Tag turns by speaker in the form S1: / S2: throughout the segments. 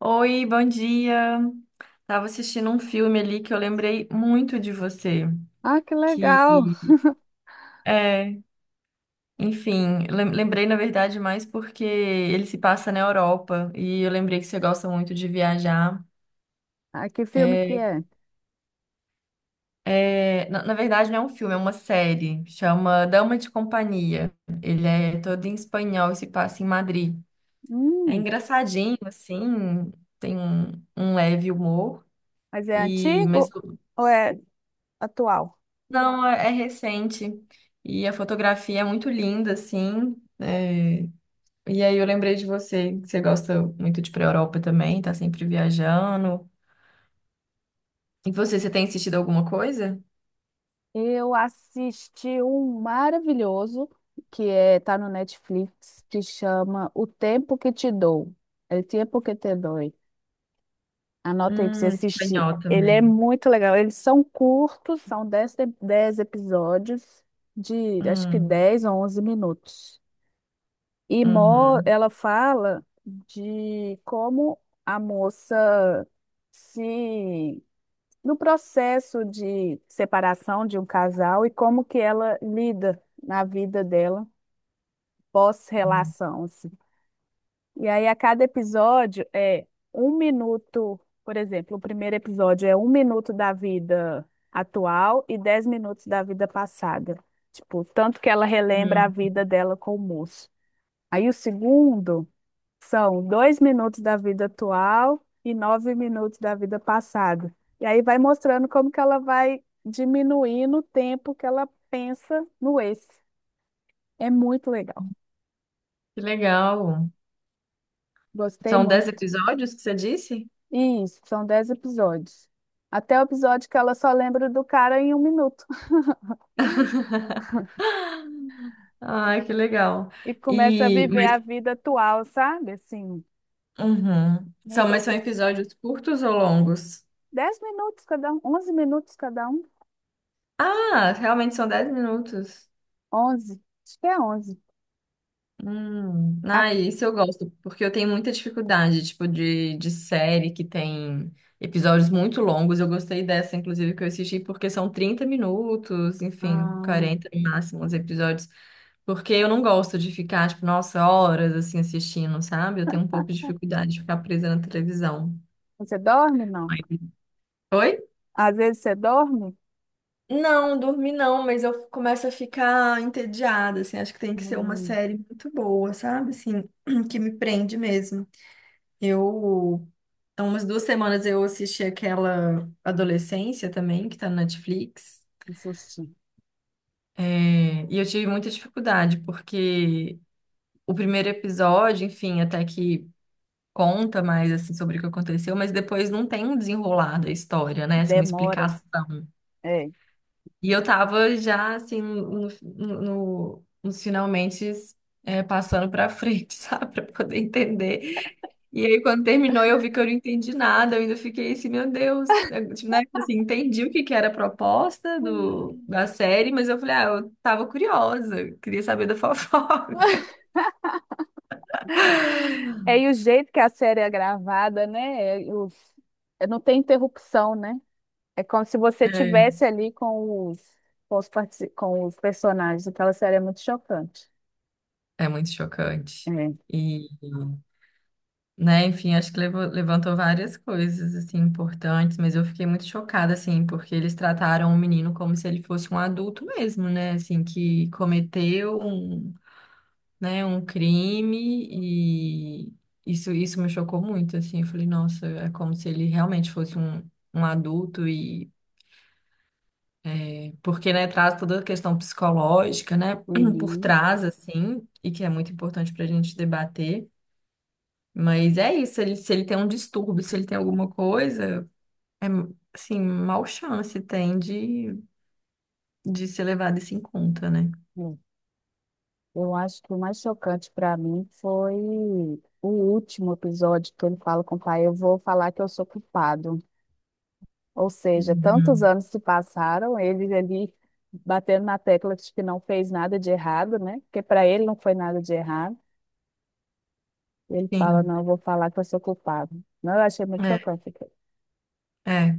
S1: Oi, bom dia. Tava assistindo um filme ali que eu lembrei muito de você,
S2: Ah, que
S1: que
S2: legal.
S1: é, enfim, lembrei na verdade mais porque ele se passa na Europa e eu lembrei que você gosta muito de viajar.
S2: Ah, que filme que
S1: É,
S2: é?
S1: na verdade não é um filme, é uma série, chama Dama de Companhia. Ele é todo em espanhol e se passa em Madrid. É
S2: Hum,
S1: engraçadinho assim, tem um leve humor
S2: mas é
S1: e mas.
S2: antigo ou é atual?
S1: Não, é recente. E a fotografia é muito linda, assim. E aí eu lembrei de você, que você gosta muito de ir pra Europa também, tá sempre viajando. E você tem assistido alguma coisa?
S2: Eu assisti um maravilhoso que é, tá no Netflix, que chama O Tempo que Te Dou. É O Tempo que Te Doi. Anota aí pra você assistir.
S1: Espanhol
S2: Ele é
S1: também.
S2: muito legal. Eles são curtos, são dez episódios de acho que
S1: Hum,
S2: 10 ou 11 minutos. E
S1: uhum,
S2: ela fala de como a moça se no processo de separação de um casal e como que ela lida na vida dela pós-relação, assim. E aí a cada episódio é 1 minuto, por exemplo, o primeiro episódio é 1 minuto da vida atual e 10 minutos da vida passada. Tipo, tanto que ela relembra a
S1: hum.
S2: vida dela com o moço. Aí o segundo são 2 minutos da vida atual e 9 minutos da vida passada. E aí vai mostrando como que ela vai diminuindo o tempo que ela pensa no esse. É muito legal.
S1: Que legal.
S2: Gostei
S1: São dez
S2: muito.
S1: episódios que você disse?
S2: E isso, são 10 episódios. Até o episódio que ela só lembra do cara em 1 minuto
S1: Ai, que legal.
S2: e começa a
S1: E,
S2: viver a
S1: mas,
S2: vida atual, sabe? Assim,
S1: uhum.
S2: mudou
S1: São
S2: por
S1: episódios curtos ou longos?
S2: 10 minutos cada um, 11 minutos cada um,
S1: Ah, realmente são 10 minutos.
S2: onze, acho que é onze. A-
S1: Ah, isso eu gosto, porque eu tenho muita dificuldade, tipo, de série que tem episódios muito longos. Eu gostei dessa, inclusive, que eu assisti, porque são 30 minutos, enfim,
S2: Ah,
S1: 40 no máximo os episódios. Porque eu não gosto de ficar, tipo, nossa, horas assim assistindo, sabe? Eu tenho um pouco de dificuldade de ficar presa na televisão.
S2: você dorme? Não.
S1: Oi?
S2: Às vezes você dorme.
S1: Não, dormi não, mas eu começo a ficar entediada, assim, acho que tem que ser uma
S2: Hum,
S1: série muito boa, sabe? Assim, que me prende mesmo. Eu, há umas 2 semanas eu assisti aquela Adolescência também, que tá na Netflix.
S2: que susto.
S1: É, e eu tive muita dificuldade, porque o primeiro episódio, enfim, até que conta mais assim sobre o que aconteceu, mas depois não tem um desenrolar da história, né? Assim, uma
S2: Demora.
S1: explicação.
S2: É.
S1: E eu tava já, assim, no, no, nos finalmente, passando pra frente, sabe? Pra poder entender. E aí, quando terminou, eu vi que eu não entendi nada. Eu ainda fiquei assim, meu Deus. Eu, tipo, né? Tipo assim, entendi o que que era a proposta do, da série, mas eu falei, ah, eu tava curiosa. Eu queria saber da fofoca.
S2: É, e o jeito que a série é gravada, né? É, não tem interrupção, né? É como se você tivesse ali com os com os personagens. Aquela série é muito chocante.
S1: É, é muito chocante.
S2: É.
S1: Né? Enfim, acho que levantou várias coisas assim importantes, mas eu fiquei muito chocada assim, porque eles trataram o menino como se ele fosse um adulto mesmo, né? Assim, que cometeu um, né, um crime e isso me chocou muito assim. Eu falei, nossa, é como se ele realmente fosse um adulto e porque, né, traz toda a questão psicológica, né, por
S2: Uhum.
S1: trás, assim, e que é muito importante para a gente debater. Mas é isso, ele, se ele tem um distúrbio, se ele tem alguma coisa, É, assim, mal chance tem de ser levado isso em conta, né?
S2: É. Eu acho que o mais chocante para mim foi o último episódio que ele fala com o pai. Eu vou falar que eu sou culpado. Ou seja, tantos
S1: Uhum.
S2: anos se passaram, ele ali batendo na tecla de que não fez nada de errado, né? Porque para ele não foi nada de errado. Ele fala,
S1: Sim,
S2: não, eu vou falar que eu sou culpado. Não, eu achei muito
S1: é,
S2: chocante aquilo.
S1: é.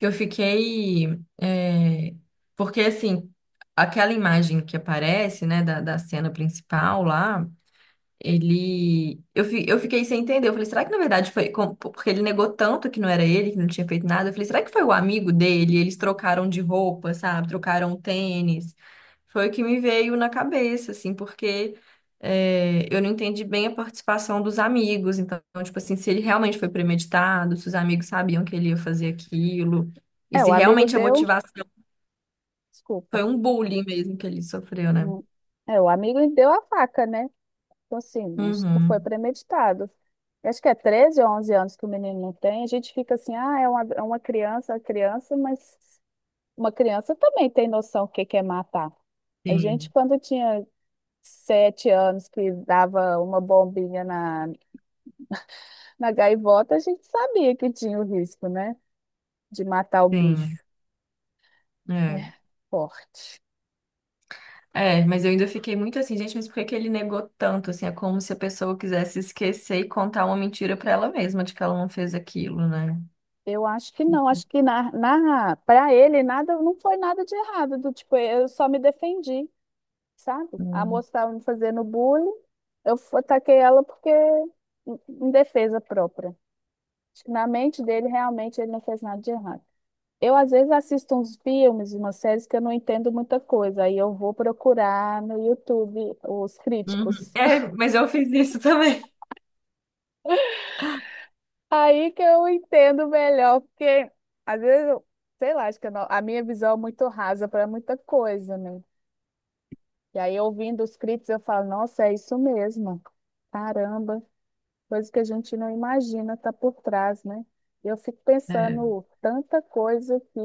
S1: Eu fiquei... é, porque, assim, aquela imagem que aparece, né, da cena principal lá, ele. Eu fiquei sem entender. Eu falei, será que na verdade foi. Porque ele negou tanto que não era ele, que não tinha feito nada. Eu falei, será que foi o amigo dele? Eles trocaram de roupa, sabe? Trocaram tênis. Foi o que me veio na cabeça, assim, porque eu não entendi bem a participação dos amigos. Então, tipo assim, se ele realmente foi premeditado, se os amigos sabiam que ele ia fazer aquilo, e
S2: É,
S1: se
S2: o amigo
S1: realmente a
S2: deu,
S1: motivação foi
S2: desculpa.
S1: um bullying mesmo que ele sofreu, né?
S2: Hum. É, o amigo deu a faca, né? Então, assim, acho que foi
S1: Uhum.
S2: premeditado. Eu acho que é 13 ou 11 anos que o menino não tem. A gente fica assim, ah, é uma criança, mas uma criança também tem noção do que é matar. A gente,
S1: Sim,
S2: quando tinha 7 anos que dava uma bombinha na, na gaivota, a gente sabia que tinha o risco, né? De matar o
S1: sim,
S2: bicho. É
S1: é
S2: forte.
S1: Mas eu ainda fiquei muito assim, gente, mas por que que ele negou tanto? Assim, é como se a pessoa quisesse esquecer e contar uma mentira pra ela mesma de que ela não fez aquilo, né?
S2: Eu acho que não, acho que para ele nada, não foi nada de errado, do tipo, eu só me defendi, sabe? A
S1: Hum.
S2: moça estava me fazendo bullying, ataquei ela porque em defesa própria. Acho que na mente dele realmente ele não fez nada de errado. Eu, às vezes, assisto uns filmes, umas séries que eu não entendo muita coisa. Aí eu vou procurar no YouTube os
S1: Uhum.
S2: críticos.
S1: É, mas eu fiz isso também.
S2: Aí que eu entendo melhor, porque às vezes, eu, sei lá, acho que eu não- a minha visão é muito rasa para muita coisa, né? E aí, ouvindo os críticos, eu falo, nossa, é isso mesmo. Caramba, coisa que a gente não imagina tá por trás, né? E eu fico
S1: É.
S2: pensando tanta coisa que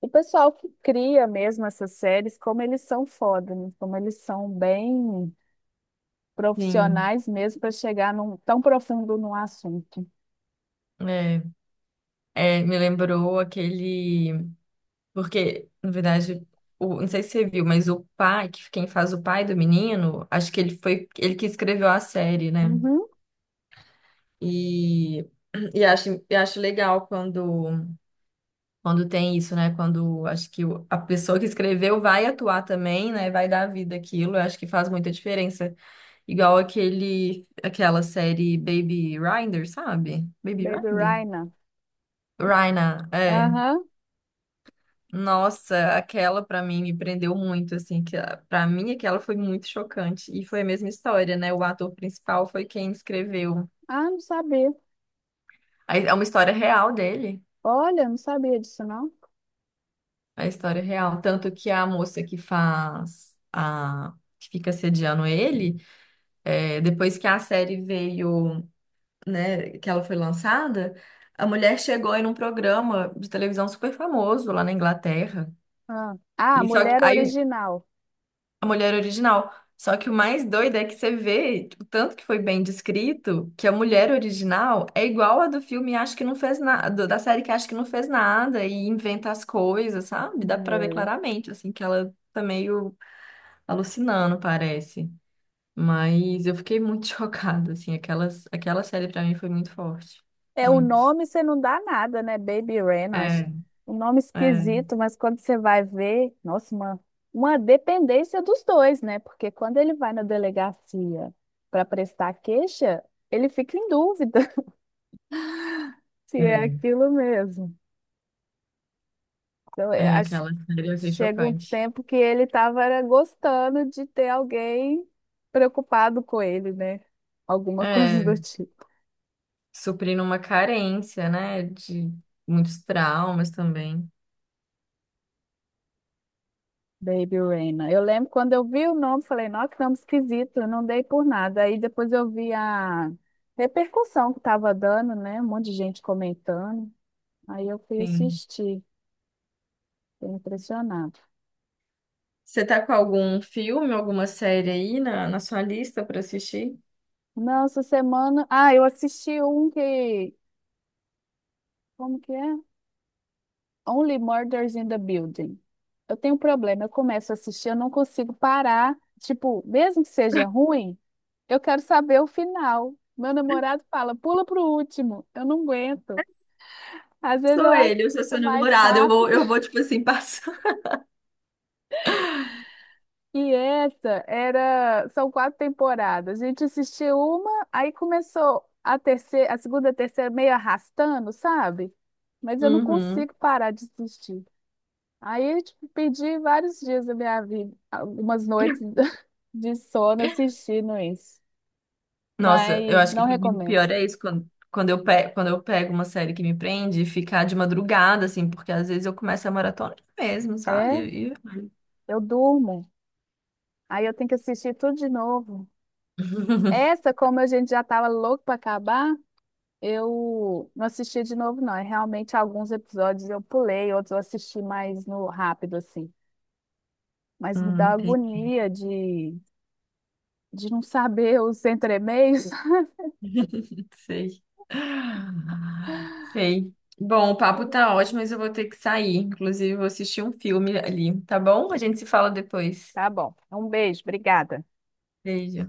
S2: o pessoal que cria mesmo essas séries, como eles são foda, né? Como eles são bem
S1: Sim,
S2: profissionais mesmo para chegar tão profundo no assunto.
S1: é, É, me lembrou aquele. Porque, na verdade, o... não sei se você viu, mas o pai, que quem faz o pai do menino, acho que ele foi ele que escreveu a série, né?
S2: Uhum.
S1: E, e acho legal quando. Quando tem isso, né? Quando acho que a pessoa que escreveu vai atuar também, né? Vai dar vida àquilo, eu acho que faz muita diferença. Igual aquela série Baby Rinder, sabe? Baby
S2: Baby
S1: Rinder?
S2: Rhino.
S1: Raina, é.
S2: Aham.
S1: Nossa, aquela pra mim me prendeu muito, assim, que pra mim aquela foi muito chocante. E foi a mesma história, né? O ator principal foi quem escreveu.
S2: Ah, não sabia.
S1: Aí é uma história real dele,
S2: Olha, não sabia disso, não.
S1: é a história real. Tanto que a moça que faz a que fica sediando ele, é, depois que a série veio, né, que ela foi lançada, a mulher chegou em um programa de televisão super famoso lá na Inglaterra.
S2: Ah, ah,
S1: E só que
S2: mulher
S1: aí
S2: original.
S1: a mulher original. Só que o mais doido é que você vê o tanto que foi bem descrito que a mulher original é igual a do filme acho que não fez nada, da série que acho que não fez nada e inventa as coisas, sabe? Dá pra ver claramente assim que ela tá meio alucinando, parece. Mas eu fiquei muito chocada, assim, aquela série pra mim foi muito forte.
S2: É, o
S1: Muito.
S2: nome você não dá nada, né? Baby Ren, acho.
S1: É,
S2: Um nome
S1: é,
S2: esquisito, mas quando você vai ver, nossa, uma dependência dos dois, né? Porque quando ele vai na delegacia para prestar queixa, ele fica em dúvida se é
S1: é.
S2: aquilo mesmo. Então, é,
S1: É,
S2: acho,
S1: aquela série eu achei
S2: chega um
S1: chocante.
S2: tempo que ele estava gostando de ter alguém preocupado com ele, né? Alguma coisa
S1: É,
S2: do tipo.
S1: suprindo uma carência, né, de muitos traumas também.
S2: Baby Reina. Eu lembro quando eu vi o nome, falei, nossa, que nome esquisito, eu não dei por nada. Aí depois eu vi a repercussão que estava dando, né? Um monte de gente comentando. Aí eu fui
S1: Sim.
S2: assistir, fiquei impressionado.
S1: Você tá com algum filme, alguma série aí na sua lista pra assistir?
S2: Não, essa semana. Ah, eu assisti um que. Como que é? Only Murders in the Building. Eu tenho um problema, eu começo a assistir, eu não consigo parar. Tipo, mesmo que seja ruim, eu quero saber o final. Meu namorado fala, pula pro último, eu não aguento. Às vezes
S1: Sou
S2: eu
S1: ele, eu sou
S2: assisto
S1: seu
S2: mais
S1: namorado, eu vou,
S2: rápido.
S1: eu vou, tipo assim, passar.
S2: E essa era, são 4 temporadas. A gente assistiu uma, aí começou a terceira, a segunda, a terceira meio arrastando, sabe? Mas eu não
S1: Uhum.
S2: consigo parar de assistir. Aí, tipo, perdi vários dias da minha vida, algumas noites de sono assistindo isso.
S1: Nossa, eu
S2: Mas
S1: acho que
S2: não
S1: pra mim o
S2: recomendo.
S1: pior é isso, quando eu pego uma série que me prende, ficar de madrugada, assim, porque às vezes eu começo a maratona mesmo,
S2: É,
S1: sabe? E-
S2: eu durmo. Aí eu tenho que assistir tudo de novo. Essa, como a gente já estava louco para acabar, eu não assisti de novo, não. É realmente, alguns episódios eu pulei, outros eu assisti mais no rápido, assim. Mas me dá
S1: Entendi,
S2: agonia de não saber os entremeios.
S1: sei. Sei. Bom, o papo tá ótimo, mas eu vou ter que sair. Inclusive, eu vou assistir um filme ali, tá bom? A gente se fala depois.
S2: Tá bom. Um beijo, obrigada.
S1: Beijo.